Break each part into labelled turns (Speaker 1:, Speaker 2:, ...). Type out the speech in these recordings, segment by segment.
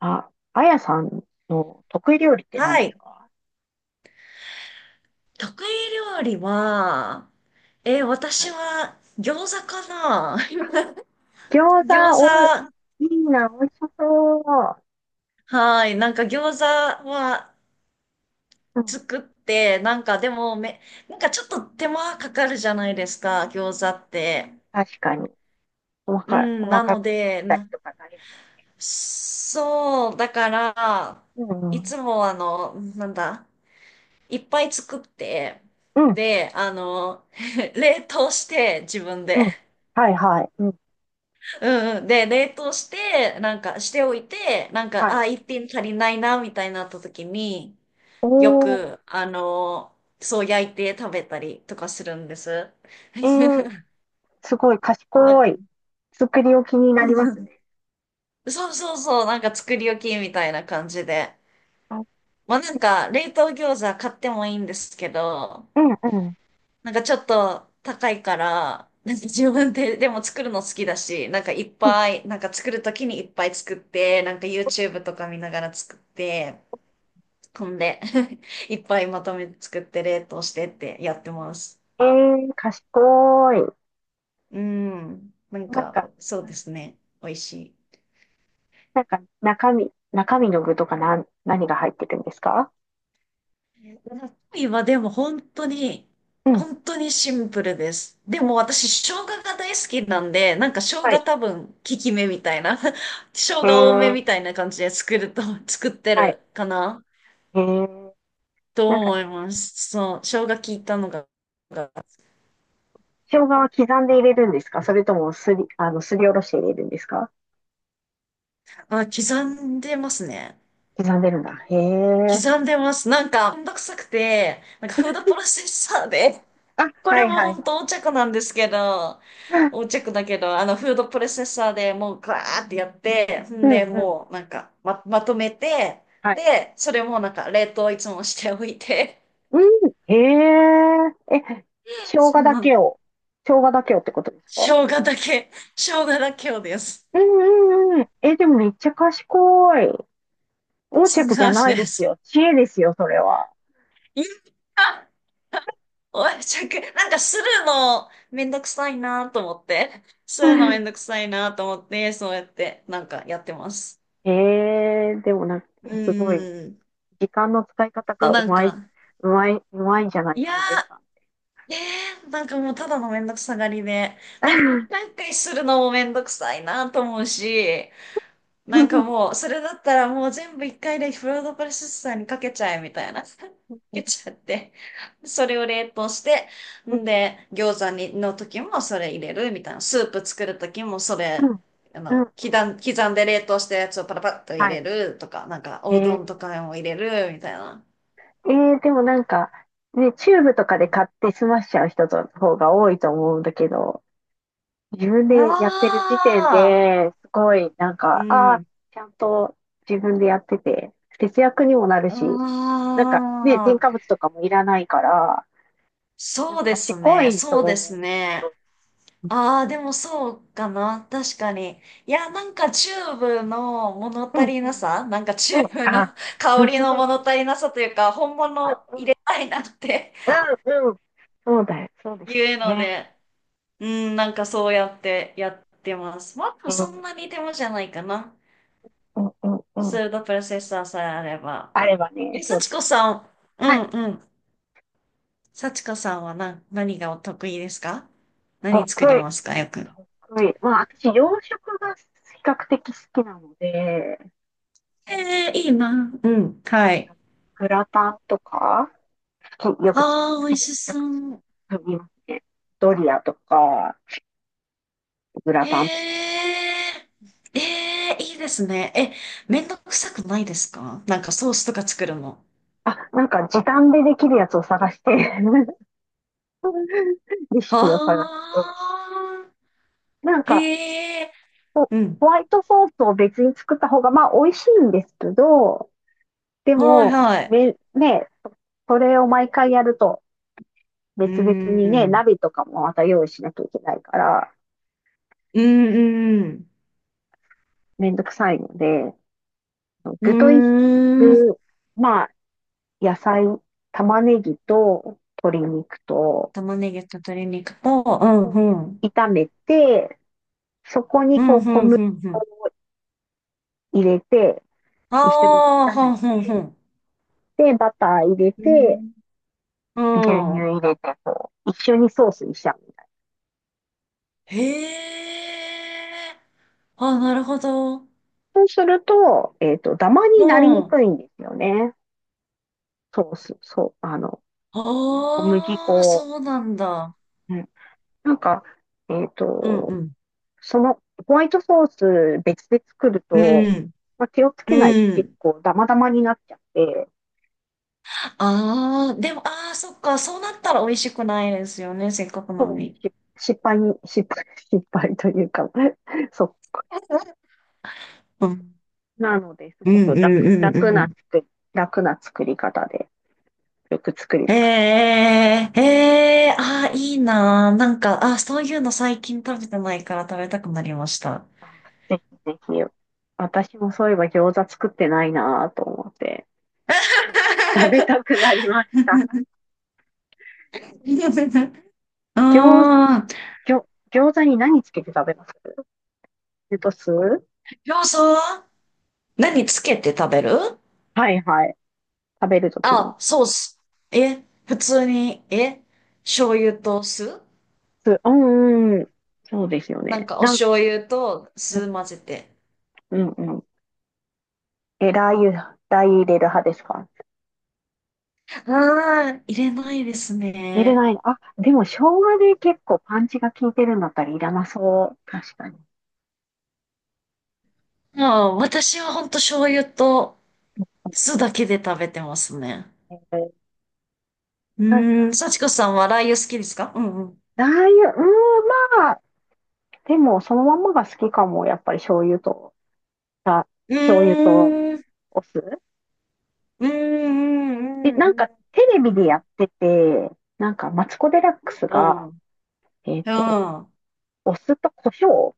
Speaker 1: あ、あやさんの得意料理って何
Speaker 2: は
Speaker 1: です
Speaker 2: い。
Speaker 1: か？
Speaker 2: 得意料理は、
Speaker 1: は
Speaker 2: 私
Speaker 1: い。
Speaker 2: は餃子かな
Speaker 1: あ、餃
Speaker 2: 餃
Speaker 1: 子、
Speaker 2: 子、
Speaker 1: いいな、美味しそ
Speaker 2: はい。なんか餃子は
Speaker 1: う。うん、
Speaker 2: 作って、なんかでもめ、なんかちょっと手間かかるじゃないですか、餃子って。
Speaker 1: 確かに。
Speaker 2: うん、
Speaker 1: 細
Speaker 2: な
Speaker 1: か
Speaker 2: の
Speaker 1: く切っ
Speaker 2: で、
Speaker 1: たりとか大変です
Speaker 2: そう、だから、い
Speaker 1: よ。
Speaker 2: つもあの、なんだ、いっぱい作って、
Speaker 1: うんうん、うん、
Speaker 2: で、冷凍して自分
Speaker 1: う
Speaker 2: で。
Speaker 1: ん。はいはい。うん、
Speaker 2: うんうん。で、冷凍して、なんかしておいて、なんか、
Speaker 1: はい。
Speaker 2: あ、一品足りないな、みたいになった時に、
Speaker 1: お
Speaker 2: よ
Speaker 1: ー、
Speaker 2: く、そう焼いて食べたりとかするんです。
Speaker 1: えー、すごい賢い。作り置きになりますね。
Speaker 2: そうそうそう、なんか作り置きみたいな感じで。
Speaker 1: あ。
Speaker 2: まあなんか、冷凍餃子買ってもいいんですけど、
Speaker 1: うんうん。
Speaker 2: なんかちょっと高いから、なんか自分で、でも作るの好きだし、なんかいっ
Speaker 1: うん。
Speaker 2: ぱい、なんか作るときにいっぱい作って、なんか YouTube とか見ながら作って、飛んで いっぱいまとめて作って冷凍してってやってます。
Speaker 1: えー、賢い。
Speaker 2: うん。なん
Speaker 1: なん
Speaker 2: か、
Speaker 1: か、
Speaker 2: そ
Speaker 1: う
Speaker 2: うで
Speaker 1: ん。
Speaker 2: すね。美味しい。
Speaker 1: なんか中身の具とか何が入ってるんですか？
Speaker 2: 今はでも本当に、
Speaker 1: うん。
Speaker 2: 本当にシンプルです。でも私、生姜が大好きなんで、なんか生
Speaker 1: は
Speaker 2: 姜
Speaker 1: い。
Speaker 2: 多分、効き目みたいな、生
Speaker 1: へ
Speaker 2: 姜多め
Speaker 1: え、
Speaker 2: みたいな感じで作ると、作って
Speaker 1: はい。
Speaker 2: るかな
Speaker 1: へえ、
Speaker 2: と
Speaker 1: なんか、
Speaker 2: 思います。そう、生姜効いたのが、が
Speaker 1: 生姜は刻んで入れるんですか？それともすりおろして入れるんですか？
Speaker 2: あ、刻んでますね。
Speaker 1: 刻んでるんだ。へえ。
Speaker 2: 刻んでます。なんか、めんどくさくて、なんかフードプロセッサーで、
Speaker 1: あ、
Speaker 2: こ
Speaker 1: は
Speaker 2: れ
Speaker 1: い
Speaker 2: も
Speaker 1: はい
Speaker 2: 本
Speaker 1: は
Speaker 2: 当横着なんですけど、
Speaker 1: い。
Speaker 2: 横着だけど、フードプロセッサーでもうガーってやって、
Speaker 1: う
Speaker 2: ん
Speaker 1: ん
Speaker 2: で、
Speaker 1: うん。
Speaker 2: もうなんか、まとめて、
Speaker 1: はい。
Speaker 2: で、それもなんか、冷凍いつもしておいて、
Speaker 1: うん。へえ。え、生姜
Speaker 2: そ
Speaker 1: だ
Speaker 2: の、
Speaker 1: けを、生姜だけをってことですか？
Speaker 2: 生姜だけ、生姜だけをです。
Speaker 1: うんうんうん。え、でもめっちゃ賢い。横
Speaker 2: そう
Speaker 1: 着じゃ
Speaker 2: なん
Speaker 1: ない
Speaker 2: で
Speaker 1: です
Speaker 2: す。
Speaker 1: よ。知恵ですよ、それは。
Speaker 2: いやおい、しゃく、なんかするのめんどくさいなと思って、するのめんどく さいなと思って、そうやってなんかやってます。
Speaker 1: へー、でもなんか、
Speaker 2: う
Speaker 1: すごい。
Speaker 2: ーん。
Speaker 1: 時間の使い方
Speaker 2: と
Speaker 1: がう
Speaker 2: なん
Speaker 1: まい、
Speaker 2: か、
Speaker 1: うまい、うまいんじゃない
Speaker 2: い
Speaker 1: か
Speaker 2: や
Speaker 1: な、あやさんって。
Speaker 2: ー、なんかもうただのめんどくさがりで、なんか一回一回するのもめんどくさいなと思うし、なん
Speaker 1: う
Speaker 2: か
Speaker 1: ん
Speaker 2: もう、それだったらもう全部一回でフードプロセッサーにかけちゃえみたいな。かけちゃって。それを冷凍して、
Speaker 1: うん
Speaker 2: んで、餃子にの時もそれ入れるみたいな。スープ作る時もそれ、
Speaker 1: うんうん。
Speaker 2: 刻んで冷凍したやつをパラパッと入
Speaker 1: は
Speaker 2: れ
Speaker 1: い。
Speaker 2: るとか、なんかお
Speaker 1: え
Speaker 2: うどんと
Speaker 1: ー、
Speaker 2: かも入れるみたいな。
Speaker 1: でもなんか、ね、チューブと
Speaker 2: う
Speaker 1: かで
Speaker 2: ん
Speaker 1: 買って済ましちゃう人の方が多いと思うんだけど、自分
Speaker 2: あ
Speaker 1: でやってる時点
Speaker 2: あ、
Speaker 1: で、すごい、なん
Speaker 2: う
Speaker 1: か、ああ、
Speaker 2: ん。
Speaker 1: ちゃんと自分でやってて、節約にもなる
Speaker 2: あ
Speaker 1: し、なんかね、添加
Speaker 2: あ、
Speaker 1: 物とかもいらないから、なん
Speaker 2: そう
Speaker 1: か
Speaker 2: です
Speaker 1: 賢
Speaker 2: ね。
Speaker 1: いと
Speaker 2: そうです
Speaker 1: 思
Speaker 2: ね。
Speaker 1: う。
Speaker 2: ああ、でもそうかな。確かに。いや、なんかチューブの物
Speaker 1: う
Speaker 2: 足
Speaker 1: ん
Speaker 2: り
Speaker 1: う
Speaker 2: な
Speaker 1: ん
Speaker 2: さ、なんかチ
Speaker 1: う
Speaker 2: ュ
Speaker 1: ん、
Speaker 2: ーブの
Speaker 1: あ、
Speaker 2: 香
Speaker 1: うん、
Speaker 2: りの物足りなさというか、本物入れたいなって
Speaker 1: うん、うん、そうだよ、そう ですよ
Speaker 2: いうの
Speaker 1: ね。
Speaker 2: で、うん、なんかそうやってやってます。まあ、でも
Speaker 1: う
Speaker 2: そん
Speaker 1: ん、
Speaker 2: なに手間じゃないかな。
Speaker 1: うん、うん、う
Speaker 2: ス
Speaker 1: ん。
Speaker 2: ードプロセッサーさえあれば。
Speaker 1: あればね、
Speaker 2: え、
Speaker 1: そうで
Speaker 2: 幸
Speaker 1: す。
Speaker 2: 子さん、う
Speaker 1: は
Speaker 2: ん
Speaker 1: い、
Speaker 2: うん。幸子さんは何がお得意ですか？何作り
Speaker 1: 得意、
Speaker 2: ますかよく。
Speaker 1: 得意。まあ、私、洋食が比較的好きなので、
Speaker 2: ええいいな。うん、は
Speaker 1: グ
Speaker 2: い。
Speaker 1: ラグラタンとか、好
Speaker 2: ああ、美
Speaker 1: き
Speaker 2: 味
Speaker 1: で、
Speaker 2: し
Speaker 1: よ
Speaker 2: そ
Speaker 1: く
Speaker 2: う。
Speaker 1: 作りますね。ドリアとか、グラ
Speaker 2: へ
Speaker 1: タンとか。
Speaker 2: え、ええ、いいですね。え、めんどくさくないですか？なんかソースとか作るの。
Speaker 1: あ、なんか時短でできるやつを探して、 レシピを探して。
Speaker 2: ああ、
Speaker 1: なんか、
Speaker 2: へえ、うん。
Speaker 1: ホワイトソースを別に作った方が、まあ、美味しいんですけど、で
Speaker 2: はい
Speaker 1: も、
Speaker 2: はい。
Speaker 1: ね、それを毎回やると、
Speaker 2: うー
Speaker 1: 別々にね、
Speaker 2: ん。
Speaker 1: 鍋とかもまた用意しなきゃいけないから、
Speaker 2: うん、うん。
Speaker 1: めんどくさいので、
Speaker 2: う
Speaker 1: 具とい、
Speaker 2: ーん。
Speaker 1: 具、まあ、野菜、玉ねぎと鶏肉と
Speaker 2: 玉ねぎと鶏肉と、うん、うん。
Speaker 1: 炒めて、そこに
Speaker 2: うん、う
Speaker 1: こう小
Speaker 2: ん、
Speaker 1: 麦
Speaker 2: うん、う
Speaker 1: 粉
Speaker 2: ん。
Speaker 1: を入れて、
Speaker 2: あ
Speaker 1: 一緒に
Speaker 2: あ、
Speaker 1: 炒
Speaker 2: ほ
Speaker 1: め
Speaker 2: ん、ほん、ほ
Speaker 1: て、
Speaker 2: ん。
Speaker 1: で、バター入れ
Speaker 2: う
Speaker 1: て、
Speaker 2: ん。う
Speaker 1: 牛乳
Speaker 2: ん。
Speaker 1: 入れて、こう、一緒にソースにしちゃうみたいな。
Speaker 2: へえ。あ、なるほど。
Speaker 1: そうすると、ダマ
Speaker 2: う
Speaker 1: になりに
Speaker 2: ん。
Speaker 1: くいんですよね。ソース、そう、小麦
Speaker 2: ああ、
Speaker 1: 粉。
Speaker 2: そうなんだ。
Speaker 1: うん。なんか、えっ
Speaker 2: うんう
Speaker 1: と、
Speaker 2: ん。
Speaker 1: その、ホワイトソース別で作る
Speaker 2: う
Speaker 1: と、
Speaker 2: ん、
Speaker 1: まあ、気をつけないと
Speaker 2: う
Speaker 1: 結
Speaker 2: ん。
Speaker 1: 構ダマダマになっちゃって、
Speaker 2: ああ、でも、ああ、そっか、そうなったら美味しくないですよね、せっかくなの
Speaker 1: そう、
Speaker 2: に。
Speaker 1: し失敗に、失敗、失敗というか、 そ
Speaker 2: うん、
Speaker 1: う。なので、す
Speaker 2: うん、
Speaker 1: ごく
Speaker 2: うん、うんうん。
Speaker 1: 楽な作り方で、よく作り
Speaker 2: え
Speaker 1: ます。
Speaker 2: え、ええ、ああ、いいなー。なんか、ああ、そういうの最近食べてないから食べたくなりました。
Speaker 1: あ、ぜひぜひ。私もそういえば餃子作ってないなぁと思って、と食べ たくなりまし
Speaker 2: う
Speaker 1: た。
Speaker 2: ーん。り
Speaker 1: 餃、餃、餃子に何つけて食べます？レタス。
Speaker 2: ょうは何つけて食べる？
Speaker 1: はいはい。食べるときに。
Speaker 2: あ、ソース。え、普通に、え、醤油と酢
Speaker 1: うんうん。そうですよ
Speaker 2: なん
Speaker 1: ね。
Speaker 2: かお醤油と
Speaker 1: う
Speaker 2: 酢混
Speaker 1: ん
Speaker 2: ぜて。
Speaker 1: うんうん。え、ラー油入れる派ですか？
Speaker 2: ああ、入れないです
Speaker 1: 入れ
Speaker 2: ね。
Speaker 1: ない。あ、でも生姜で結構パンチが効いてるんだったらいらなそう。確かに。
Speaker 2: もう私はほんと醤油と酢だけで食べてますね。
Speaker 1: えー
Speaker 2: う
Speaker 1: なん
Speaker 2: ーん、
Speaker 1: か、
Speaker 2: 幸子さんはラー油好きですか？うんうん。
Speaker 1: ラー油、うーん、までも、そのまんまが好きかも。やっぱりあ、
Speaker 2: う
Speaker 1: 醤油と
Speaker 2: ーん、
Speaker 1: お酢。
Speaker 2: うー
Speaker 1: で、
Speaker 2: ん、うん、
Speaker 1: な
Speaker 2: う
Speaker 1: んか
Speaker 2: ん、
Speaker 1: テレビ
Speaker 2: うん。
Speaker 1: でやってて、なんかマツコ・デラックス
Speaker 2: う
Speaker 1: が、
Speaker 2: ん。
Speaker 1: えっと、
Speaker 2: うん。
Speaker 1: お酢と胡椒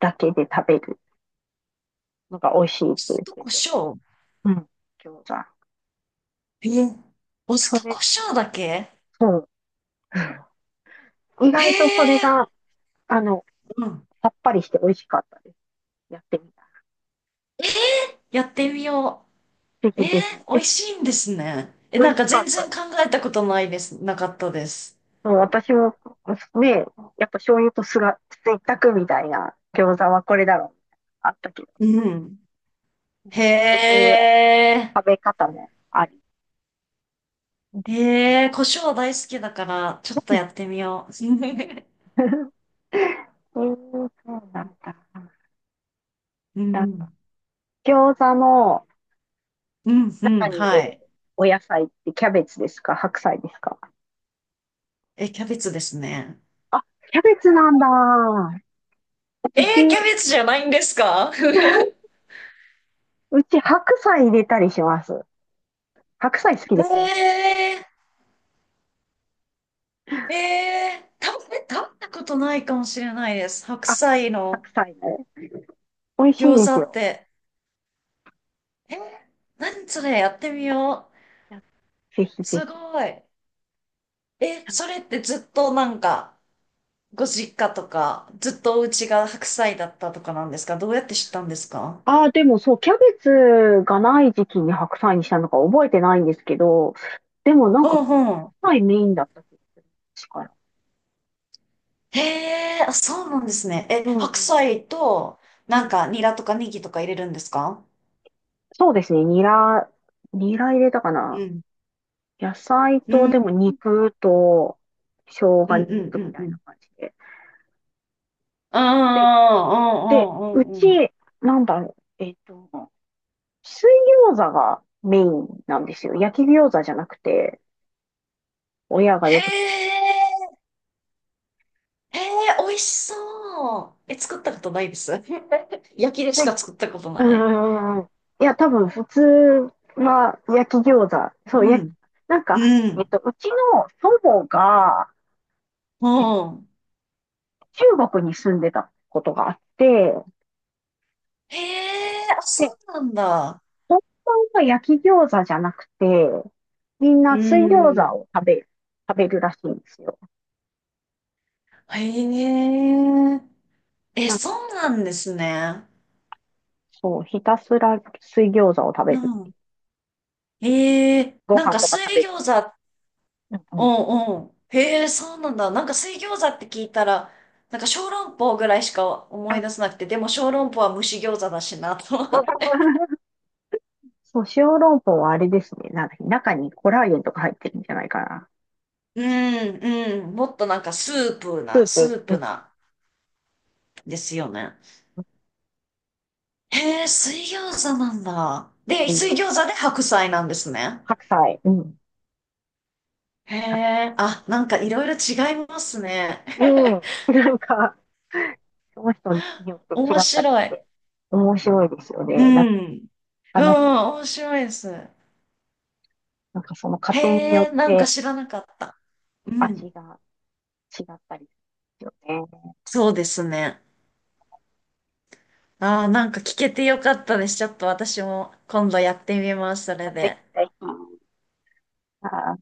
Speaker 1: だけで食べるのが美味しいっ
Speaker 2: お
Speaker 1: て言
Speaker 2: 酢
Speaker 1: っ
Speaker 2: と
Speaker 1: て
Speaker 2: 胡
Speaker 1: て。
Speaker 2: 椒。
Speaker 1: うん、餃子。
Speaker 2: え、お酢
Speaker 1: そ
Speaker 2: と胡
Speaker 1: れ、
Speaker 2: 椒だけ？
Speaker 1: そう。意
Speaker 2: へ
Speaker 1: 外とそれ
Speaker 2: え。
Speaker 1: が、あの、
Speaker 2: うん。
Speaker 1: さっぱりして美味しかったです。やってみた。
Speaker 2: やってみよ
Speaker 1: ぜ
Speaker 2: う。
Speaker 1: ひ
Speaker 2: え
Speaker 1: ぜひ。
Speaker 2: ー、
Speaker 1: え、
Speaker 2: 美味しいんですね。え、
Speaker 1: 美
Speaker 2: なん
Speaker 1: 味
Speaker 2: か
Speaker 1: しか
Speaker 2: 全
Speaker 1: っ
Speaker 2: 然
Speaker 1: た。
Speaker 2: 考えたことないです。なかったです。
Speaker 1: もう私も、ね、やっぱ醤油と酢が、ついたくみたいな餃子はこれだろう。あったけど、
Speaker 2: うん。
Speaker 1: なん
Speaker 2: へ
Speaker 1: かそういう
Speaker 2: え。
Speaker 1: 食べ方もあり。み
Speaker 2: へ
Speaker 1: た
Speaker 2: え、
Speaker 1: い
Speaker 2: 胡椒大好きだから、ちょっと
Speaker 1: な。
Speaker 2: やってみよう。
Speaker 1: えー、そうなんだ。
Speaker 2: う
Speaker 1: な
Speaker 2: ん。
Speaker 1: 餃子の
Speaker 2: うん、う
Speaker 1: 中
Speaker 2: ん、
Speaker 1: に入れ
Speaker 2: は
Speaker 1: る
Speaker 2: い。
Speaker 1: お野菜ってキャベツですか？白菜ですか？
Speaker 2: え、キャベツですね。
Speaker 1: あ、キャベツなんだ。
Speaker 2: え
Speaker 1: うち、
Speaker 2: ー、キャベツじゃないんですか？
Speaker 1: うち白菜入れたりします。白菜好きです。
Speaker 2: えー、えー、食べたことないかもしれないです。白
Speaker 1: あ、
Speaker 2: 菜の
Speaker 1: 白菜ね。美味しい
Speaker 2: 餃
Speaker 1: で
Speaker 2: 子
Speaker 1: す
Speaker 2: っ
Speaker 1: よ。
Speaker 2: て。えー、何それやってみよう。
Speaker 1: ぜひぜ
Speaker 2: す
Speaker 1: ひ。
Speaker 2: ごい。え、それってずっとなんか、ご実家とか、ずっとお家が白菜だったとかなんですか？どうやって知ったんですか？
Speaker 1: ああ、でもそう、キャベツがない時期に白菜にしたのか覚えてないんですけど、でもなん
Speaker 2: う
Speaker 1: か
Speaker 2: ん
Speaker 1: 白
Speaker 2: うん。
Speaker 1: 菜メインだった気がする。確か。
Speaker 2: へえ、あ、そうなんですね。え、
Speaker 1: うん
Speaker 2: 白
Speaker 1: うん。
Speaker 2: 菜と、
Speaker 1: う
Speaker 2: なん
Speaker 1: ん。
Speaker 2: か、ニラとかネギとか入れるんですか？
Speaker 1: そうですね、ニラ入れたかな。
Speaker 2: うん。
Speaker 1: 野菜
Speaker 2: うん、
Speaker 1: と、
Speaker 2: うん、
Speaker 1: でも肉と、生
Speaker 2: う
Speaker 1: 姜
Speaker 2: ん、う
Speaker 1: 肉とみ
Speaker 2: ん、
Speaker 1: た
Speaker 2: う
Speaker 1: いな
Speaker 2: ん。
Speaker 1: 感じで。で、
Speaker 2: うん、う
Speaker 1: う
Speaker 2: ん、うん、うんうん。
Speaker 1: ち、なんだろう、水餃子がメインなんですよ。焼き餃子じゃなくて、親が
Speaker 2: へ
Speaker 1: よく作って
Speaker 2: え、へえ、美味しそう。え、作ったことないです。焼きでし
Speaker 1: る。
Speaker 2: か作ったことな
Speaker 1: う
Speaker 2: い。
Speaker 1: んん。いや、多分普通は焼き餃子。そう、
Speaker 2: うん、
Speaker 1: なんか、
Speaker 2: うん、
Speaker 1: うちの祖母が、
Speaker 2: う
Speaker 1: え、
Speaker 2: ん。
Speaker 1: 中国に住んでたことがあって、
Speaker 2: へえ、あ、そ
Speaker 1: で、
Speaker 2: うなんだ。
Speaker 1: 本当は焼き餃子じゃなくて、みん
Speaker 2: う
Speaker 1: な水餃子
Speaker 2: ん。
Speaker 1: を食べる、食べるらしいんですよ。
Speaker 2: へえ、え、
Speaker 1: なん
Speaker 2: そ
Speaker 1: か、
Speaker 2: うなんですね。
Speaker 1: そう、ひたすら水餃子を食べ
Speaker 2: う
Speaker 1: る。
Speaker 2: ん。ええ、
Speaker 1: ご
Speaker 2: なん
Speaker 1: 飯
Speaker 2: か
Speaker 1: とか
Speaker 2: 水
Speaker 1: 食べず。
Speaker 2: 餃子、
Speaker 1: うんう
Speaker 2: う
Speaker 1: ん。
Speaker 2: んうん。へえ、そうなんだ。なんか水餃子って聞いたら、なんか小籠包ぐらいしか思
Speaker 1: あ、
Speaker 2: い出せなくて、でも小籠包は蒸し餃子だしなと思って。
Speaker 1: そう、小籠包はあれですね。なんだっけ、中にコラーゲンとか入ってるんじゃないかな。
Speaker 2: うんうん。もっとなんかスープ
Speaker 1: ス
Speaker 2: な、
Speaker 1: ー
Speaker 2: ス
Speaker 1: プ。
Speaker 2: ー
Speaker 1: う
Speaker 2: プ
Speaker 1: ん。
Speaker 2: な、ですよね。へえ、水餃子なんだ。で、
Speaker 1: 栄
Speaker 2: 水
Speaker 1: 養、
Speaker 2: 餃子で白菜なんですね。
Speaker 1: 白菜、うん、
Speaker 2: へ
Speaker 1: 確
Speaker 2: え、
Speaker 1: か。
Speaker 2: あ、なんかいろいろ違いますね。
Speaker 1: う ん、なんか、その人によって違
Speaker 2: 面
Speaker 1: った
Speaker 2: 白
Speaker 1: りし
Speaker 2: い。
Speaker 1: て、面白いですよ
Speaker 2: う
Speaker 1: ね。なんか、
Speaker 2: ん。うん、
Speaker 1: 話、
Speaker 2: 面白いです。
Speaker 1: なんかその家
Speaker 2: へ
Speaker 1: 庭によっ
Speaker 2: え、なんか
Speaker 1: て
Speaker 2: 知らなかった。う
Speaker 1: 味
Speaker 2: ん。
Speaker 1: が違ったりですよね。
Speaker 2: そうですね。ああ、なんか聞けてよかったです。ちょっと私も今度やってみます、それ
Speaker 1: ぜひ
Speaker 2: で。
Speaker 1: ぜひ。あー